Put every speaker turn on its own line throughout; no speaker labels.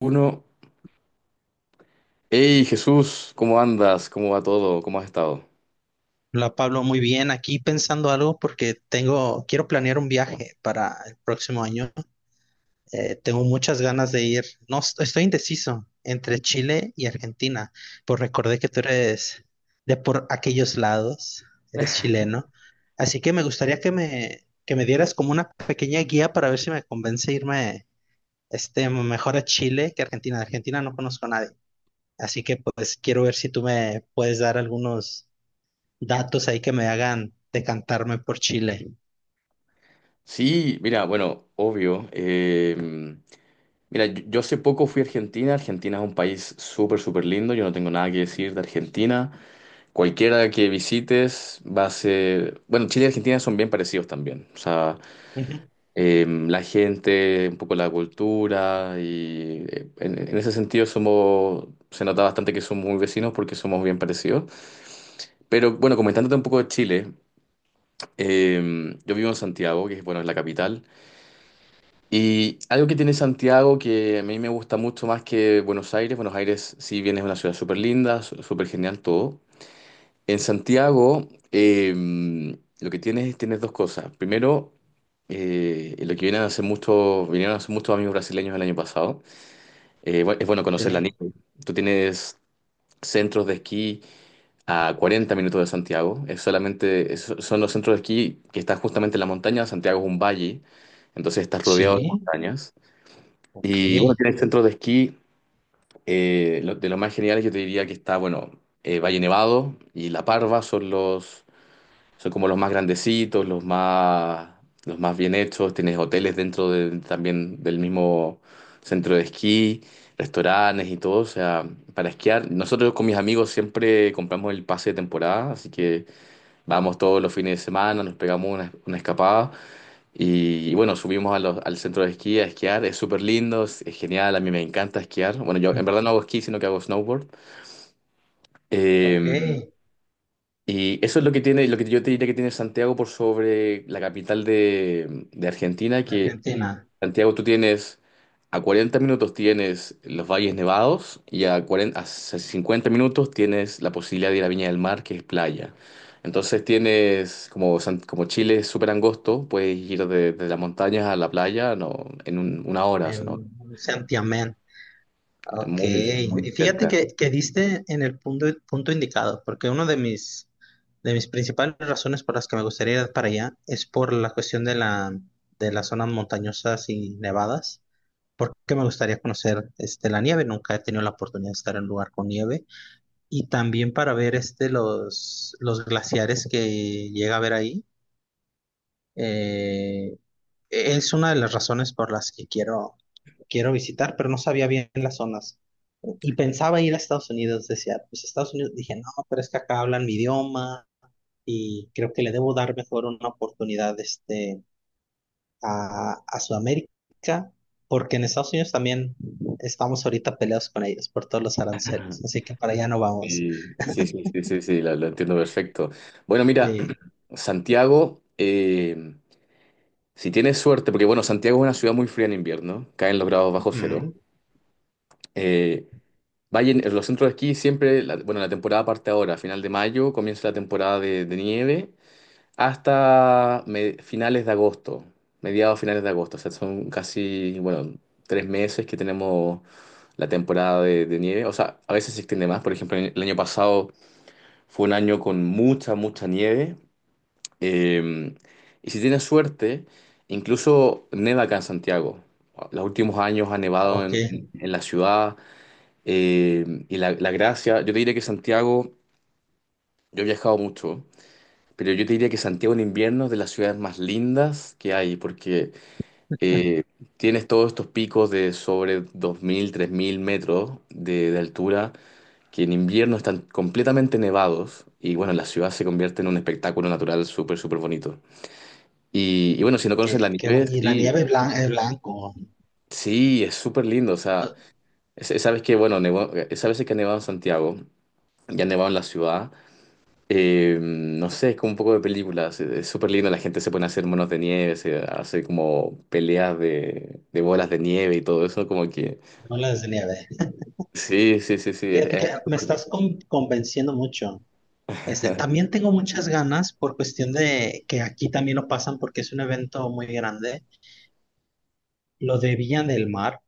Uno, hey Jesús, ¿cómo andas? ¿Cómo va todo? ¿Cómo has estado?
Hola Pablo, muy bien. Aquí pensando algo porque quiero planear un viaje para el próximo año. Tengo muchas ganas de ir. No, estoy indeciso entre Chile y Argentina, pues recordé que tú eres de por aquellos lados, eres chileno. Así que me gustaría que me dieras como una pequeña guía para ver si me convence irme mejor a Chile que a Argentina. De Argentina no conozco a nadie. Así que pues quiero ver si tú me puedes dar algunos datos ahí que me hagan decantarme por Chile.
Sí, mira, bueno, obvio. Mira, yo hace poco fui a Argentina. Argentina es un país súper, súper lindo. Yo no tengo nada que decir de Argentina. Cualquiera que visites va a ser. Bueno, Chile y Argentina son bien parecidos también. O sea,
Ujú.
la gente, un poco la cultura y en ese sentido somos. Se nota bastante que somos muy vecinos porque somos bien parecidos. Pero bueno, comentándote un poco de Chile. Yo vivo en Santiago, que es, bueno, es la capital. Y algo que tiene Santiago que a mí me gusta mucho más que Buenos Aires. Buenos Aires, si bien es una ciudad súper linda, súper genial todo. En Santiago, lo que tienes dos cosas. Primero, lo que vienen a hacer muchos, vinieron a hacer muchos amigos brasileños el año pasado. Es bueno conocer la
Sí,
nieve. Tú tienes centros de esquí a 40 minutos de Santiago. Son los centros de esquí que están justamente en la montaña. Santiago es un valle, entonces estás rodeado de
sí.
montañas.
Ok.
Y bueno, tienes centros de esquí. De los más geniales yo te diría que está, bueno, Valle Nevado y La Parva son como los más grandecitos, los más bien hechos. Tienes hoteles dentro también del mismo centro de esquí restaurantes y todo, o sea, para esquiar. Nosotros con mis amigos siempre compramos el pase de temporada, así que vamos todos los fines de semana, nos pegamos una escapada y bueno, subimos al centro de esquí a esquiar. Es súper lindo, es genial, a mí me encanta esquiar. Bueno, yo en verdad no hago esquí, sino que hago snowboard.
Ok.
Eh, y eso es lo que yo te diría que tiene Santiago por sobre la capital de Argentina, que
Argentina.
Santiago, tú tienes a 40 minutos tienes los valles nevados y a 40, a 50 minutos tienes la posibilidad de ir a Viña del Mar, que es playa. Entonces tienes, como, como Chile es súper angosto, puedes ir de las montañas a la playa no, en una hora, o sea, ¿no?
En Santiamén.
Es
Ok.
muy, es muy
Y fíjate
cerca.
que diste en el punto, punto indicado, porque uno de mis principales razones por las que me gustaría ir para allá es por la cuestión de las zonas montañosas y nevadas, porque me gustaría conocer la nieve, nunca he tenido la oportunidad de estar en un lugar con nieve. Y también para ver los glaciares que llega a ver ahí. Eh, es una de las razones por las que quiero visitar, pero no sabía bien las zonas. Y pensaba ir a Estados Unidos, decía, pues Estados Unidos, dije, no, pero es que acá hablan mi idioma y creo que le debo dar mejor una oportunidad a Sudamérica, porque en Estados Unidos también estamos ahorita peleados con ellos por todos los aranceles, así que para allá no vamos.
Sí, sí, sí, sí, sí, lo entiendo perfecto. Bueno, mira,
Eh,
Santiago, si tienes suerte, porque bueno, Santiago es una ciudad muy fría en invierno, caen los grados bajo cero.
Ujú.
Eh, Vayan, los centros de esquí siempre, bueno, la temporada parte ahora, final de mayo comienza la temporada de nieve hasta finales de agosto, mediados finales de agosto, o sea, son casi, bueno, 3 meses que tenemos la temporada de nieve, o sea, a veces se extiende más, por ejemplo, el año pasado fue un año con mucha, mucha nieve, eh, y si tienes suerte, incluso neva acá en Santiago. Los últimos años ha nevado
Ok.
en la ciudad. Y la gracia, yo te diría que Santiago, yo he viajado mucho, pero yo te diría que Santiago en invierno es de las ciudades más lindas que hay, porque eh, tienes todos estos picos de sobre 2000 3000 metros de altura, que en invierno están completamente nevados, y bueno, la ciudad se convierte en un espectáculo natural súper, súper bonito. Y bueno, si no conoces la nieve,
Y la
sí,
nieve blanca es blanco.
sí, es súper lindo, o sea,
Ah.
sabes que, bueno, sabes que ha nevado en Santiago, ya ha nevado en la ciudad. No sé, es como un poco de películas. Es súper lindo, la gente se pone a hacer monos de nieve, se hace como peleas de bolas de nieve y todo eso, como que.
Bolas de nieve.
Sí, sí, sí, sí, es
Fíjate que
algo
me
súper lindo.
estás convenciendo mucho. Este, también tengo muchas ganas por cuestión de que aquí también lo pasan porque es un evento muy grande, lo de Villa del Mar.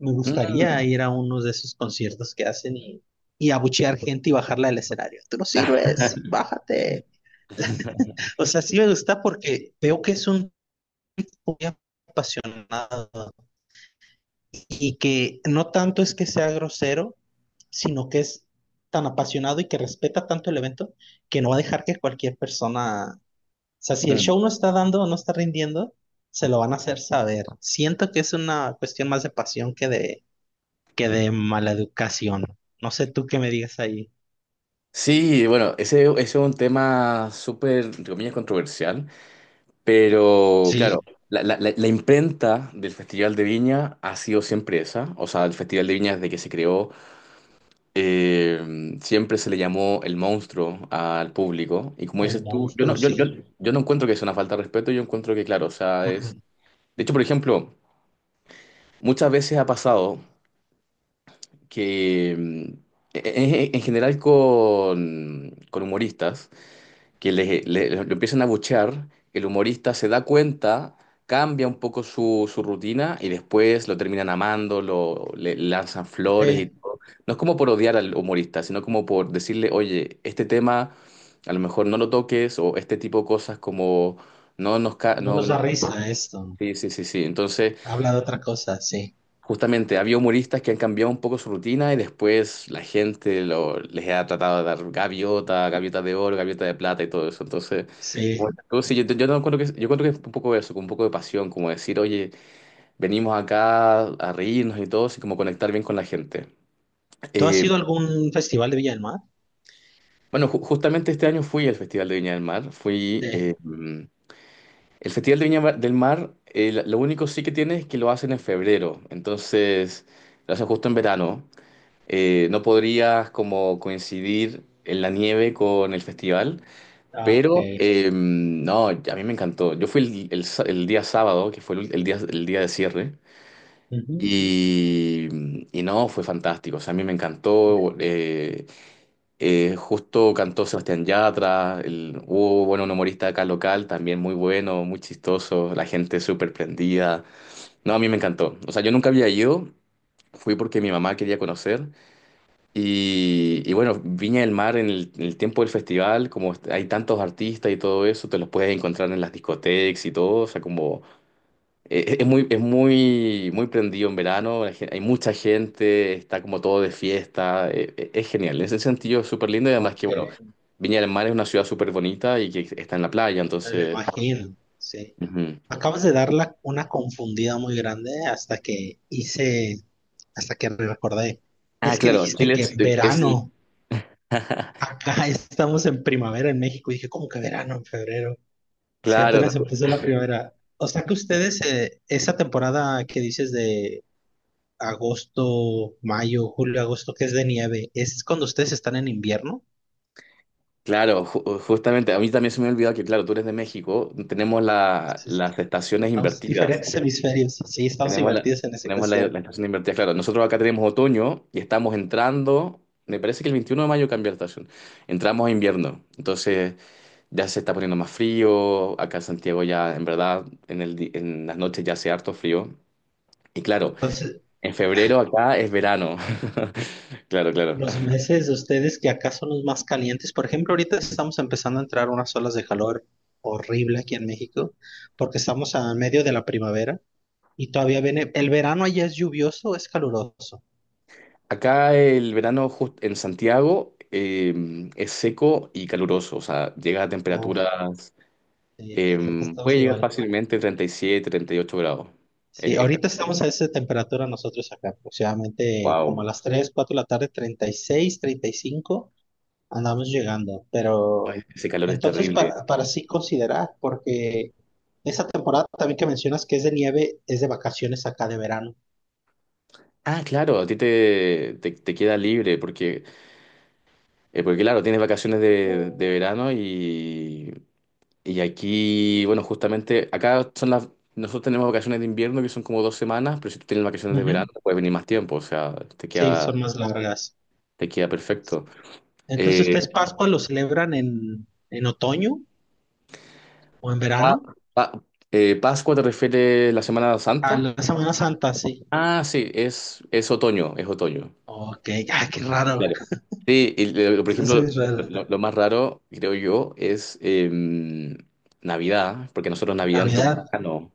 Me gustaría
Mm,
ir a uno de esos conciertos que hacen y abuchear gente y bajarla del escenario. Tú no
ah,
sirves, bájate. O sea, sí me gusta porque veo que es un muy apasionado. Y que no tanto es que sea grosero, sino que es tan apasionado y que respeta tanto el evento que no va a dejar que cualquier persona, o sea, si el
mm.
show no está dando o no está rindiendo, se lo van a hacer saber. Siento que es una cuestión más de pasión que de mala educación. No sé tú qué me digas ahí.
Sí, bueno, ese es un tema súper, entre comillas, controversial, pero
Sí,
claro, la imprenta del Festival de Viña ha sido siempre esa, o sea, el Festival de Viña desde que se creó. Siempre se le llamó el monstruo al público. Y como
el
dices tú, yo no,
monstruo,
yo, yo,
sí.
yo no encuentro que sea una falta de respeto, yo encuentro que, claro, o sea,
Mm,
es.
mm.
De hecho, por ejemplo, muchas veces ha pasado que, en general con humoristas, que lo empiezan a buchear, el humorista se da cuenta, cambia un poco su rutina y después lo terminan amando, le lanzan flores y
Sí,
todo. No es como por odiar al humorista, sino como por decirle, oye, este tema a lo mejor no lo toques o este tipo de cosas como no nos.
no
No,
nos
no,
da risa esto.
sí, sí, sí, sí. Entonces.
Habla de otra cosa, sí.
Justamente, había humoristas que han cambiado un poco su rutina y después la gente les ha tratado de dar gaviota, gaviota de oro, gaviota de plata y todo eso. Entonces, bueno,
Sí.
tú sí, yo no encuentro que, yo encuentro que es un poco eso, con un poco de pasión, como decir, oye, venimos acá a reírnos y todo, así como conectar bien con la gente.
¿Tú has
Eh,
ido a algún festival de Villa del Mar?
bueno, justamente este año fui al Festival de Viña del Mar. Fui,
Sí.
el Festival de Viña del Mar, lo único sí que tiene es que lo hacen en febrero. Entonces, lo hacen justo en verano. No podrías como coincidir en la nieve con el festival,
Ah, ok.
pero no, a mí me encantó. Yo fui el día sábado, que fue el día de cierre,
Ujú.
y, y no, fue fantástico. O sea, a mí me encantó. Justo cantó Sebastián Yatra, hubo, bueno, un humorista acá local, también muy bueno, muy chistoso, la gente súper prendida. No, a mí me encantó. O sea, yo nunca había ido, fui porque mi mamá quería conocer. Y bueno, Viña del Mar en el tiempo del festival, como hay tantos artistas y todo eso, te los puedes encontrar en las discotecas y todo, o sea, como es muy, muy prendido en verano, hay mucha gente, está como todo de fiesta, es genial, en ese sentido es súper lindo y además que,
Ok,
bueno, Viña del Mar es una ciudad súper bonita y que está en la playa,
me lo
entonces.
imagino, sí.
Ujú.
Acabas de dar una confundida muy grande hasta que recordé.
Ah,
Es que
claro,
dijiste
Chile
que
es el-
verano, acá estamos en primavera en México, y dije, ¿cómo que verano en febrero? Si
Claro,
apenas empezó la primavera. O sea que ustedes, esa temporada que dices de agosto, mayo, julio, agosto, que es de nieve, ¿es cuando ustedes están en invierno?
Claro, justamente, a mí también se me ha que, claro, tú eres de México, tenemos
Entonces,
las estaciones
estamos en
invertidas.
diferentes hemisferios, sí, estamos
Tenemos la,
divertidos en esa
tenemos la,
cuestión.
la estación invertida, claro. Nosotros acá tenemos otoño y estamos entrando, me parece que el 21 de mayo cambia la estación. Entramos a invierno, entonces ya se está poniendo más frío. Acá en Santiago ya, en verdad, en las noches ya hace harto frío. Y claro,
Entonces,
en febrero acá es verano. Claro, claro.
los meses de ustedes que acá son los más calientes. Por ejemplo, ahorita estamos empezando a entrar unas olas de calor horrible aquí en México, porque estamos a medio de la primavera y todavía viene. ¿El verano allá es lluvioso o es caluroso?
Acá el verano en Santiago es seco y caluroso, o sea, llega a
Uf,
temperaturas,
sí,
eh,
estamos
puede llegar
igual.
fácilmente 37, 38 grados.
Sí,
Es,
ahorita estamos a esa temperatura nosotros acá, aproximadamente como
wow,
a las 3, 4 de la tarde, 36, 35. Andamos llegando, pero
ese calor es
entonces
terrible.
para sí considerar, porque esa temporada también que mencionas que es de nieve, es de vacaciones acá de verano.
Ah, claro, a ti te queda libre porque, porque claro, tienes vacaciones de verano y aquí, bueno, justamente acá son las. Nosotros tenemos vacaciones de invierno que son como 2 semanas, pero si tú tienes vacaciones de verano,
Ujú.
puedes venir más tiempo, o sea, te
Sí, son
queda,
más largas.
te queda perfecto.
Entonces,
Eh,
¿ustedes Pascua lo celebran en otoño o en
pa-
verano?
pa- ¿Pascua te refiere la Semana
A
Santa?
la Semana Santa, sí.
Ah, sí, es otoño, es otoño.
Ok. Ah, qué raro.
Claro. Sí, por
Sí, sí,
ejemplo,
es raro.
lo más raro, creo yo, es Navidad, porque nosotros Navidad nos toca en
Navidad.
verano.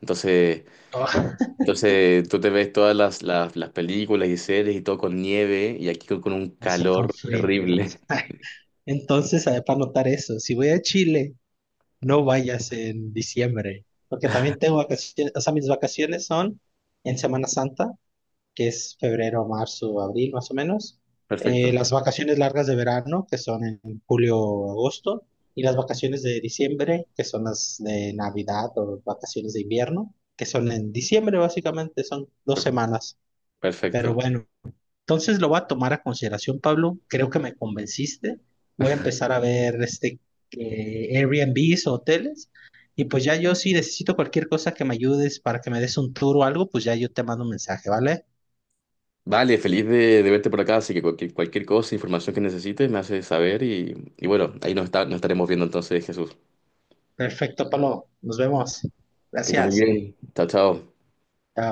Entonces,
Oh,
entonces, tú te ves todas las películas y series y todo con nieve y aquí con un
así
calor
con frío.
terrible.
Entonces, para notar eso, si voy a Chile no vayas en diciembre, porque también tengo vacaciones, o sea, mis vacaciones son en Semana Santa, que es febrero, marzo, abril, más o menos.
Perfecto,
Las vacaciones largas de verano, que son en julio, agosto, y las vacaciones de diciembre, que son las de Navidad o vacaciones de invierno, que son en diciembre, básicamente, son dos
per-
semanas. Pero
perfecto.
bueno. Entonces lo voy a tomar a consideración, Pablo. Creo que me convenciste. Voy a empezar a ver Airbnbs o hoteles. Y pues ya yo si necesito cualquier cosa que me ayudes para que me des un tour o algo, pues ya yo te mando un mensaje, ¿vale?
Vale, feliz de verte por acá, así que cualquier cosa, información que necesites, me haces saber y bueno, nos estaremos viendo entonces, Jesús.
Perfecto, Pablo. Nos vemos.
Que estés muy
Gracias.
bien. Chao, chao.
Chao.